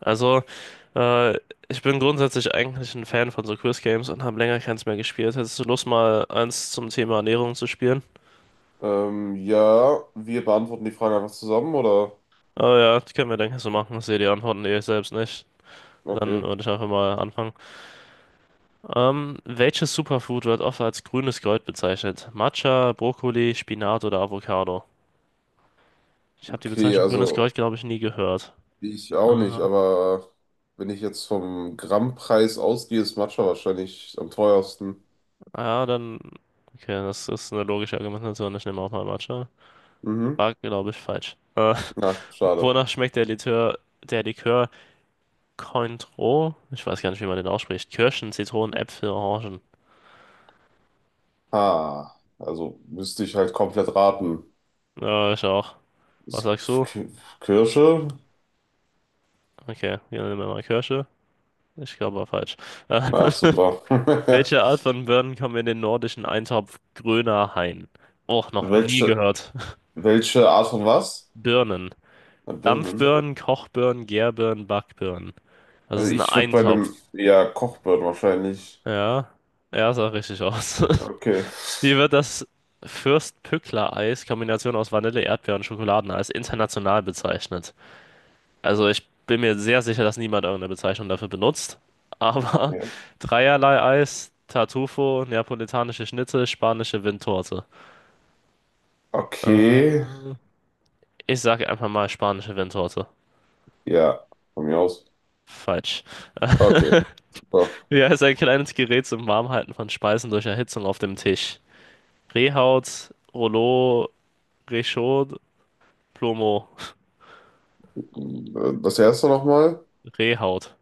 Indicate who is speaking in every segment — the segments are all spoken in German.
Speaker 1: Also, äh, Ich bin grundsätzlich eigentlich ein Fan von so Quiz Games und habe länger keins mehr gespielt. Hättest du Lust, mal eins zum Thema Ernährung zu spielen?
Speaker 2: Ja, wir beantworten die Frage einfach zusammen, oder?
Speaker 1: Oh ja, das können wir, denke ich, so machen. Ich sehe die Antworten eh selbst nicht. Dann
Speaker 2: Okay.
Speaker 1: würde ich einfach mal anfangen. Welches Superfood wird oft als grünes Gold bezeichnet? Matcha, Brokkoli, Spinat oder Avocado? Ich habe die
Speaker 2: Okay,
Speaker 1: Bezeichnung grünes
Speaker 2: also
Speaker 1: Gold, glaube ich, nie gehört.
Speaker 2: ich
Speaker 1: Äh,
Speaker 2: auch nicht,
Speaker 1: ah
Speaker 2: aber wenn ich jetzt vom Grammpreis ausgehe, ist Matcha wahrscheinlich am teuersten.
Speaker 1: ja, dann. Okay, das ist eine logische Argumentation. Ich nehme auch mal Matcha.
Speaker 2: Mhm.
Speaker 1: War, glaube ich, falsch.
Speaker 2: Na, schade.
Speaker 1: Wonach schmeckt der Likör Cointreau? Ich weiß gar nicht, wie man den ausspricht. Kirschen, Zitronen, Äpfel, Orangen.
Speaker 2: Ah, also müsste ich halt komplett raten.
Speaker 1: Ja, ich auch. Was
Speaker 2: Ist
Speaker 1: sagst du?
Speaker 2: K- Kirsche?
Speaker 1: Okay, wir nehmen mal Kirsche. Ich glaube, war falsch. Äh,
Speaker 2: Na, super.
Speaker 1: Welche Art von Birnen kommen in den nordischen Eintopf grüner Hain? Och, noch nie
Speaker 2: Welche,
Speaker 1: gehört.
Speaker 2: welche Art von was?
Speaker 1: Birnen.
Speaker 2: Na, Birnen.
Speaker 1: Dampfbirnen, Kochbirnen, Gärbirnen, Backbirnen. Das
Speaker 2: Also
Speaker 1: ist ein
Speaker 2: ich würde bei
Speaker 1: Eintopf.
Speaker 2: einem, ja, Kochbirnen wahrscheinlich.
Speaker 1: Ja, ja, sah richtig aus.
Speaker 2: Okay.
Speaker 1: Wie wird das Fürst-Pückler-Eis, Kombination aus Vanille, Erdbeer und Schokoladeneis, international bezeichnet? Also ich bin mir sehr sicher, dass niemand irgendeine Bezeichnung dafür benutzt. Aber
Speaker 2: Ja.
Speaker 1: dreierlei Eis, Tartufo, neapolitanische Schnitte, spanische Windtorte.
Speaker 2: Okay,
Speaker 1: Äh, Ich sage einfach mal spanische Windtorte.
Speaker 2: ja, von mir aus.
Speaker 1: Falsch.
Speaker 2: Okay, so.
Speaker 1: Wie heißt ein kleines Gerät zum Warmhalten von Speisen durch Erhitzung auf dem Tisch? Rehhaut, Rouleau, Réchaud, Plomo.
Speaker 2: Das erste nochmal,
Speaker 1: Rehhaut,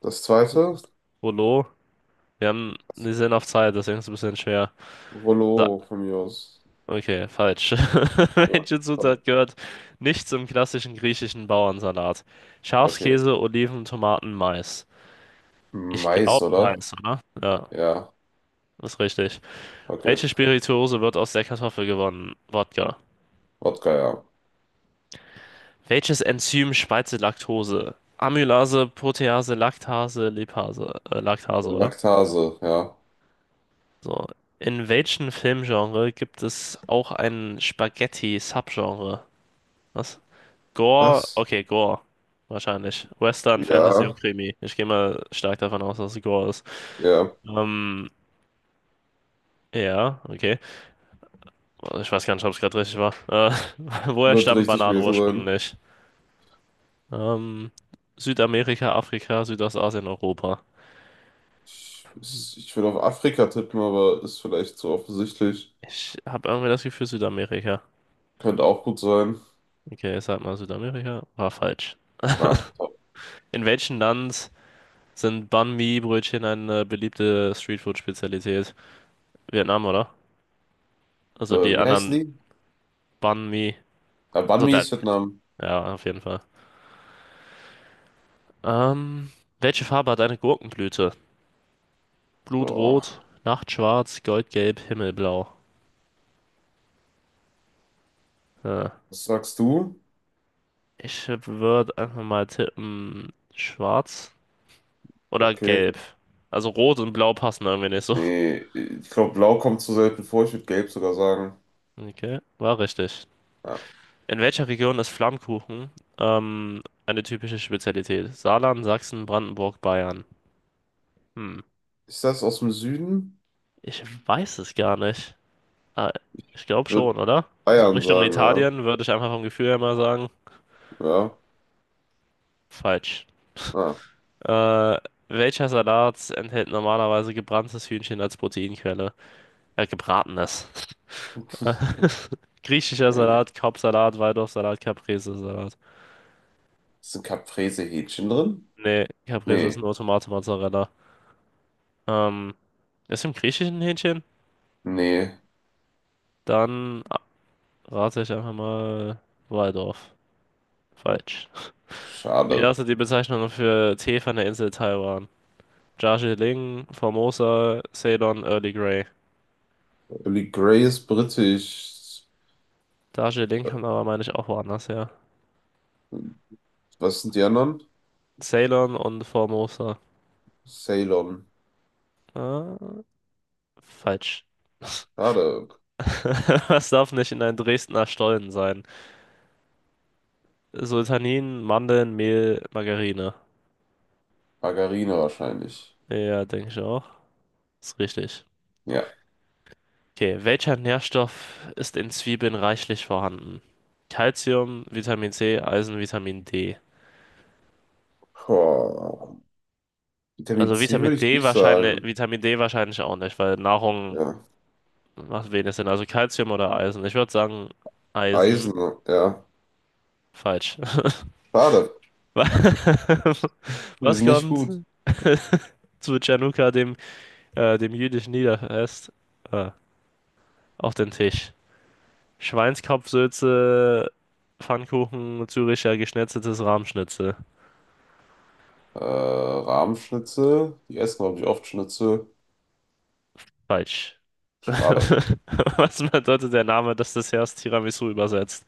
Speaker 2: das zweite,
Speaker 1: Rouleau. Wir sind auf Zeit, deswegen ist es ein bisschen schwer. So,
Speaker 2: Rollo von mir aus.
Speaker 1: okay, falsch.
Speaker 2: Ja,
Speaker 1: Welche
Speaker 2: so.
Speaker 1: Zutat gehört nicht zum klassischen griechischen Bauernsalat?
Speaker 2: Okay,
Speaker 1: Schafskäse, Oliven, Tomaten, Mais. Ich
Speaker 2: Mais,
Speaker 1: glaube
Speaker 2: oder?
Speaker 1: Mais, oder? Ja,
Speaker 2: Ja,
Speaker 1: ist richtig.
Speaker 2: okay,
Speaker 1: Welche Spirituose wird aus der Kartoffel gewonnen? Wodka.
Speaker 2: Wodka, ja.
Speaker 1: Welches Enzym spaltet Laktose? Amylase, Protease, Laktase, Lipase, Laktase, oder?
Speaker 2: Laktase, ja.
Speaker 1: So. In welchem Filmgenre gibt es auch ein Spaghetti-Subgenre? Was? Gore,
Speaker 2: Was?
Speaker 1: okay, Gore. Wahrscheinlich. Western, Fantasy
Speaker 2: Ja,
Speaker 1: und Krimi. Ich gehe mal stark davon aus, dass es Gore ist.
Speaker 2: ja,
Speaker 1: Ähm, ja, okay. Ich weiß gar nicht, ob es gerade richtig war. Woher
Speaker 2: wird
Speaker 1: stammen
Speaker 2: richtig
Speaker 1: Bananen
Speaker 2: gewesen sein.
Speaker 1: ursprünglich? Ähm, Südamerika, Afrika, Südostasien, Europa.
Speaker 2: Ich würde auf Afrika tippen, aber ist vielleicht zu offensichtlich.
Speaker 1: Ich habe irgendwie das Gefühl Südamerika.
Speaker 2: Könnte auch gut sein.
Speaker 1: Okay, ich sag mal Südamerika. War falsch.
Speaker 2: Ah, so.
Speaker 1: In welchem Land sind Banh Mi-Brötchen eine beliebte Streetfood-Spezialität? Vietnam, oder? Also die
Speaker 2: Wie heißen
Speaker 1: anderen
Speaker 2: die?
Speaker 1: Banh Mi.
Speaker 2: Ah, Banh
Speaker 1: Also
Speaker 2: Mi
Speaker 1: da,
Speaker 2: ist Vietnam.
Speaker 1: ja, auf jeden Fall. Ähm, Welche Farbe hat eine Gurkenblüte? Blutrot,
Speaker 2: Oh,
Speaker 1: Nachtschwarz, Goldgelb, Himmelblau. Ja,
Speaker 2: was sagst du?
Speaker 1: ich würde einfach mal tippen, schwarz oder
Speaker 2: Okay,
Speaker 1: gelb. Also rot und blau passen irgendwie nicht so.
Speaker 2: nee, ich glaube, Blau kommt zu selten vor. Ich würde Gelb sogar sagen.
Speaker 1: Okay, war richtig.
Speaker 2: Ja.
Speaker 1: In welcher Region ist Flammkuchen eine typische Spezialität? Saarland, Sachsen, Brandenburg, Bayern. Hm,
Speaker 2: Ist das aus dem Süden?
Speaker 1: ich weiß es gar nicht. Ah, ich glaube schon,
Speaker 2: Würde
Speaker 1: oder? So
Speaker 2: Bayern
Speaker 1: Richtung
Speaker 2: sagen, ja.
Speaker 1: Italien würde ich einfach vom Gefühl her mal sagen.
Speaker 2: Ja,
Speaker 1: Falsch.
Speaker 2: ah.
Speaker 1: Äh, Welcher Salat enthält normalerweise gebranntes Hühnchen als Proteinquelle? Gebratenes. Griechischer
Speaker 2: Junge.
Speaker 1: Salat, Kopfsalat, Waldorfsalat, Caprese-Salat.
Speaker 2: Ist ein Caprese-Hähnchen drin?
Speaker 1: Nee, Caprese ist
Speaker 2: Nee,
Speaker 1: nur Tomate Mozzarella. Ähm, Ist im griechischen Hähnchen?
Speaker 2: nee,
Speaker 1: Dann rate ich einfach mal Waldorf. Falsch. Wie
Speaker 2: schade.
Speaker 1: lautet die Bezeichnung für Tee von der Insel Taiwan? Darjeeling, Formosa, Ceylon, Early Grey.
Speaker 2: Billy Grey ist britisch.
Speaker 1: Darjeeling
Speaker 2: Äh,
Speaker 1: kommt aber, meine ich, auch woanders her.
Speaker 2: Was sind die anderen?
Speaker 1: Ceylon und Formosa.
Speaker 2: Ceylon.
Speaker 1: Äh, Falsch.
Speaker 2: Schade.
Speaker 1: Was darf nicht in einem Dresdner Stollen sein? Sultanin, Mandeln, Mehl, Margarine.
Speaker 2: Margarine wahrscheinlich.
Speaker 1: Ja, denke ich auch. Ist richtig.
Speaker 2: Ja.
Speaker 1: Okay, welcher Nährstoff ist in Zwiebeln reichlich vorhanden? Calcium, Vitamin C, Eisen, Vitamin D.
Speaker 2: Boah. Vitamin
Speaker 1: Also
Speaker 2: C würde ich nicht sagen.
Speaker 1: Vitamin D wahrscheinlich auch nicht, weil Nahrung
Speaker 2: Ja.
Speaker 1: macht wenig Sinn. Also Calcium oder Eisen. Ich würde sagen
Speaker 2: Eisen,
Speaker 1: Eisen.
Speaker 2: ja.
Speaker 1: Falsch.
Speaker 2: Schade.
Speaker 1: Wa-
Speaker 2: Wir
Speaker 1: Was
Speaker 2: sind nicht
Speaker 1: kommt
Speaker 2: gut.
Speaker 1: zu Chanukka, dem, dem jüdischen Niederfest, äh, auf den Tisch? Schweinskopfsülze, Pfannkuchen, Züricher geschnetzeltes Rahmschnitzel.
Speaker 2: Rahmschnitzel. Die essen, glaube ich, oft Schnitzel.
Speaker 1: Falsch.
Speaker 2: Schade.
Speaker 1: Was bedeutet der Name des Desserts Tiramisu übersetzt?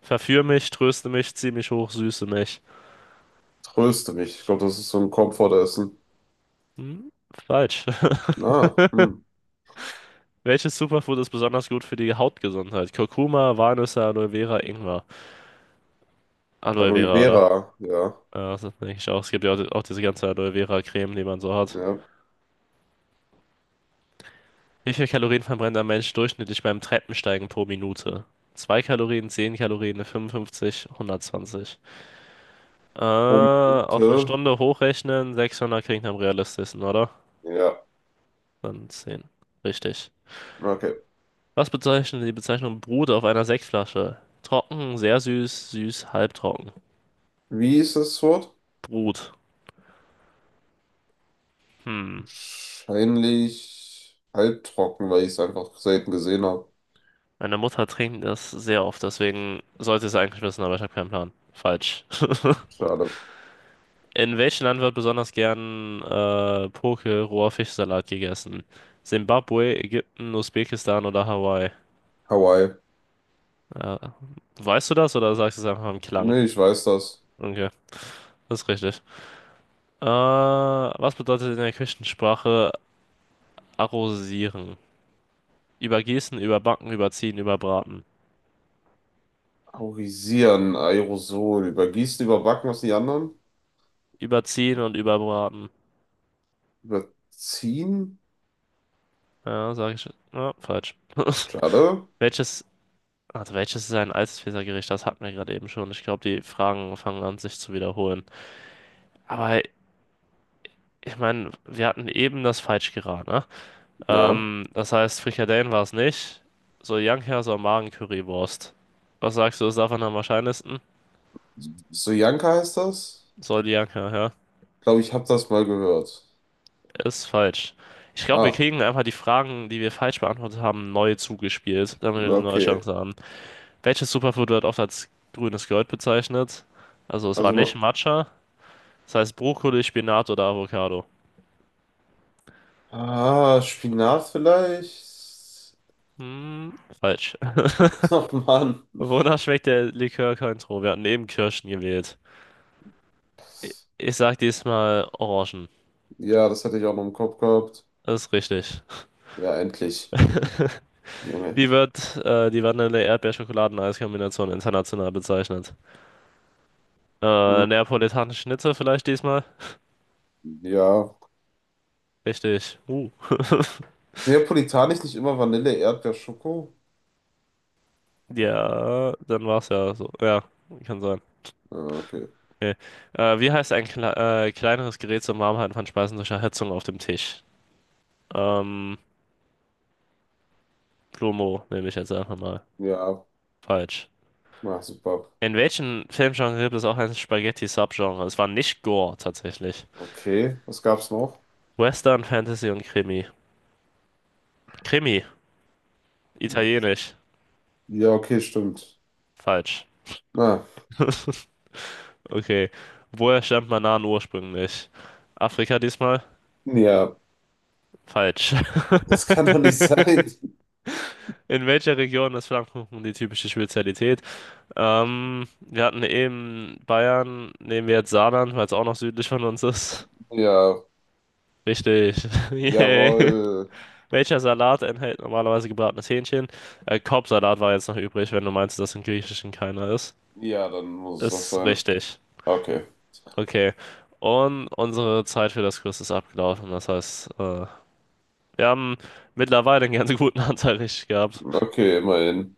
Speaker 1: Verführ mich, tröste mich, zieh mich hoch, süße mich.
Speaker 2: Tröste mich. Ich glaube, das ist so ein Komfortessen.
Speaker 1: Hm? Falsch.
Speaker 2: Na, hm.
Speaker 1: Welches Superfood ist besonders gut für die Hautgesundheit? Kurkuma, Walnüsse, Aloe Vera, Ingwer. Aloe
Speaker 2: Aloe
Speaker 1: Vera, oder?
Speaker 2: Vera. Ja.
Speaker 1: Ja, das denke ich auch. Es gibt ja auch diese ganze Aloe Vera Creme, die man so hat.
Speaker 2: Ja.
Speaker 1: Wie viel Kalorien verbrennt ein Mensch durchschnittlich beim Treppensteigen pro Minute? 2 Kalorien, 10 Kalorien, 55, 120.
Speaker 2: Prominente.
Speaker 1: Auf eine Stunde hochrechnen, 600 klingt am realistischsten, oder?
Speaker 2: Ja.
Speaker 1: Dann 10. Richtig.
Speaker 2: Okay.
Speaker 1: Was bezeichnet die Bezeichnung Brut auf einer Sektflasche? Trocken, sehr süß, süß, halbtrocken.
Speaker 2: Wie ist das Wort?
Speaker 1: Brut. Hm.
Speaker 2: Wahrscheinlich halbtrocken, weil ich es einfach selten gesehen habe.
Speaker 1: Meine Mutter trinkt das sehr oft, deswegen sollte ich es eigentlich wissen, aber ich habe keinen Plan. Falsch.
Speaker 2: Schade.
Speaker 1: In welchem Land wird besonders gern Poke, roher Fischsalat gegessen? Simbabwe, Ägypten, Usbekistan oder Hawaii?
Speaker 2: Hawaii.
Speaker 1: Äh, Weißt du das oder sagst du es einfach im Klang?
Speaker 2: Nee, ich weiß das.
Speaker 1: Okay, das ist richtig. Was bedeutet in der Küchensprache arrosieren? Übergießen, überbacken, überziehen, überbraten.
Speaker 2: Aurisieren, Aerosol. Übergießen, überbacken, was die anderen?
Speaker 1: Überziehen und überbraten.
Speaker 2: Überziehen?
Speaker 1: Ja, sag ich. Ja, falsch.
Speaker 2: Schade.
Speaker 1: Welches, also welches ist ein altes Pizza-Gericht? Das hatten wir gerade eben schon. Ich glaube, die Fragen fangen an, sich zu wiederholen. Aber ich meine, wir hatten eben das Falschgeraten, ne?
Speaker 2: Ja.
Speaker 1: Das heißt, Frikadellen war es nicht. Soljanka, Magen Currywurst. Was sagst du, ist davon am wahrscheinlichsten?
Speaker 2: Sojanka heißt das?
Speaker 1: Soljanka, ja.
Speaker 2: Glaube ich, habe das mal gehört.
Speaker 1: Ist falsch. Ich glaube, wir
Speaker 2: Ah,
Speaker 1: kriegen einfach die Fragen, die wir falsch beantwortet haben, neu zugespielt, damit wir eine neue
Speaker 2: okay.
Speaker 1: Chance haben. Welches Superfood wird oft als grünes Gold bezeichnet? Also, es war
Speaker 2: Also,
Speaker 1: nicht Matcha. Das heißt Brokkoli, Spinat oder Avocado.
Speaker 2: ah, Spinat vielleicht?
Speaker 1: Hm, falsch.
Speaker 2: Ach, Mann.
Speaker 1: Wonach schmeckt der Likör Cointreau? Wir hatten eben Kirschen gewählt. Ich sag diesmal Orangen.
Speaker 2: Ja, das hatte ich auch noch im Kopf gehabt.
Speaker 1: Das ist richtig.
Speaker 2: Ja, endlich. Junge.
Speaker 1: Wie wird die Vanille-Erdbeer-Schokoladen-Eis-Kombination international bezeichnet?
Speaker 2: Hm,
Speaker 1: Neapolitanische Schnitzel vielleicht diesmal?
Speaker 2: ja.
Speaker 1: Richtig.
Speaker 2: Ist Neapolitanisch nicht immer Vanille, Erdbeer, Schoko?
Speaker 1: Ja, dann war's ja so. Ja, kann sein.
Speaker 2: Ah, okay.
Speaker 1: Okay. Wie heißt ein kleineres Gerät zum Warmhalten von Speisen durch Erhitzung auf dem Tisch? Ähm, Plumo nehme ich jetzt einfach mal.
Speaker 2: Ja,
Speaker 1: Falsch.
Speaker 2: na, super.
Speaker 1: In welchem Filmgenre gibt es auch ein Spaghetti-Subgenre? Es war nicht Gore tatsächlich.
Speaker 2: Okay, was gab's noch?
Speaker 1: Western, Fantasy und Krimi. Krimi,
Speaker 2: Hm.
Speaker 1: italienisch.
Speaker 2: Ja, okay, stimmt.
Speaker 1: Falsch.
Speaker 2: Ah,
Speaker 1: Okay. Woher stammt Manan ursprünglich? Afrika diesmal?
Speaker 2: ja,
Speaker 1: Falsch.
Speaker 2: das kann doch nicht sein.
Speaker 1: In welcher Region ist Flammkuchen die typische Spezialität? Wir hatten eben Bayern, nehmen wir jetzt Saarland, weil es auch noch südlich von uns ist.
Speaker 2: Ja,
Speaker 1: Richtig. Yay.
Speaker 2: jawohl.
Speaker 1: Welcher Salat enthält normalerweise gebratenes Hähnchen? Korbsalat war jetzt noch übrig, wenn du meinst, dass im Griechischen keiner ist.
Speaker 2: Ja, dann muss es das
Speaker 1: Ist
Speaker 2: sein.
Speaker 1: richtig.
Speaker 2: Okay.
Speaker 1: Okay. Und unsere Zeit für das Quiz ist abgelaufen. Das heißt, wir haben mittlerweile einen ganz guten Anteil richtig gehabt.
Speaker 2: Okay, immerhin.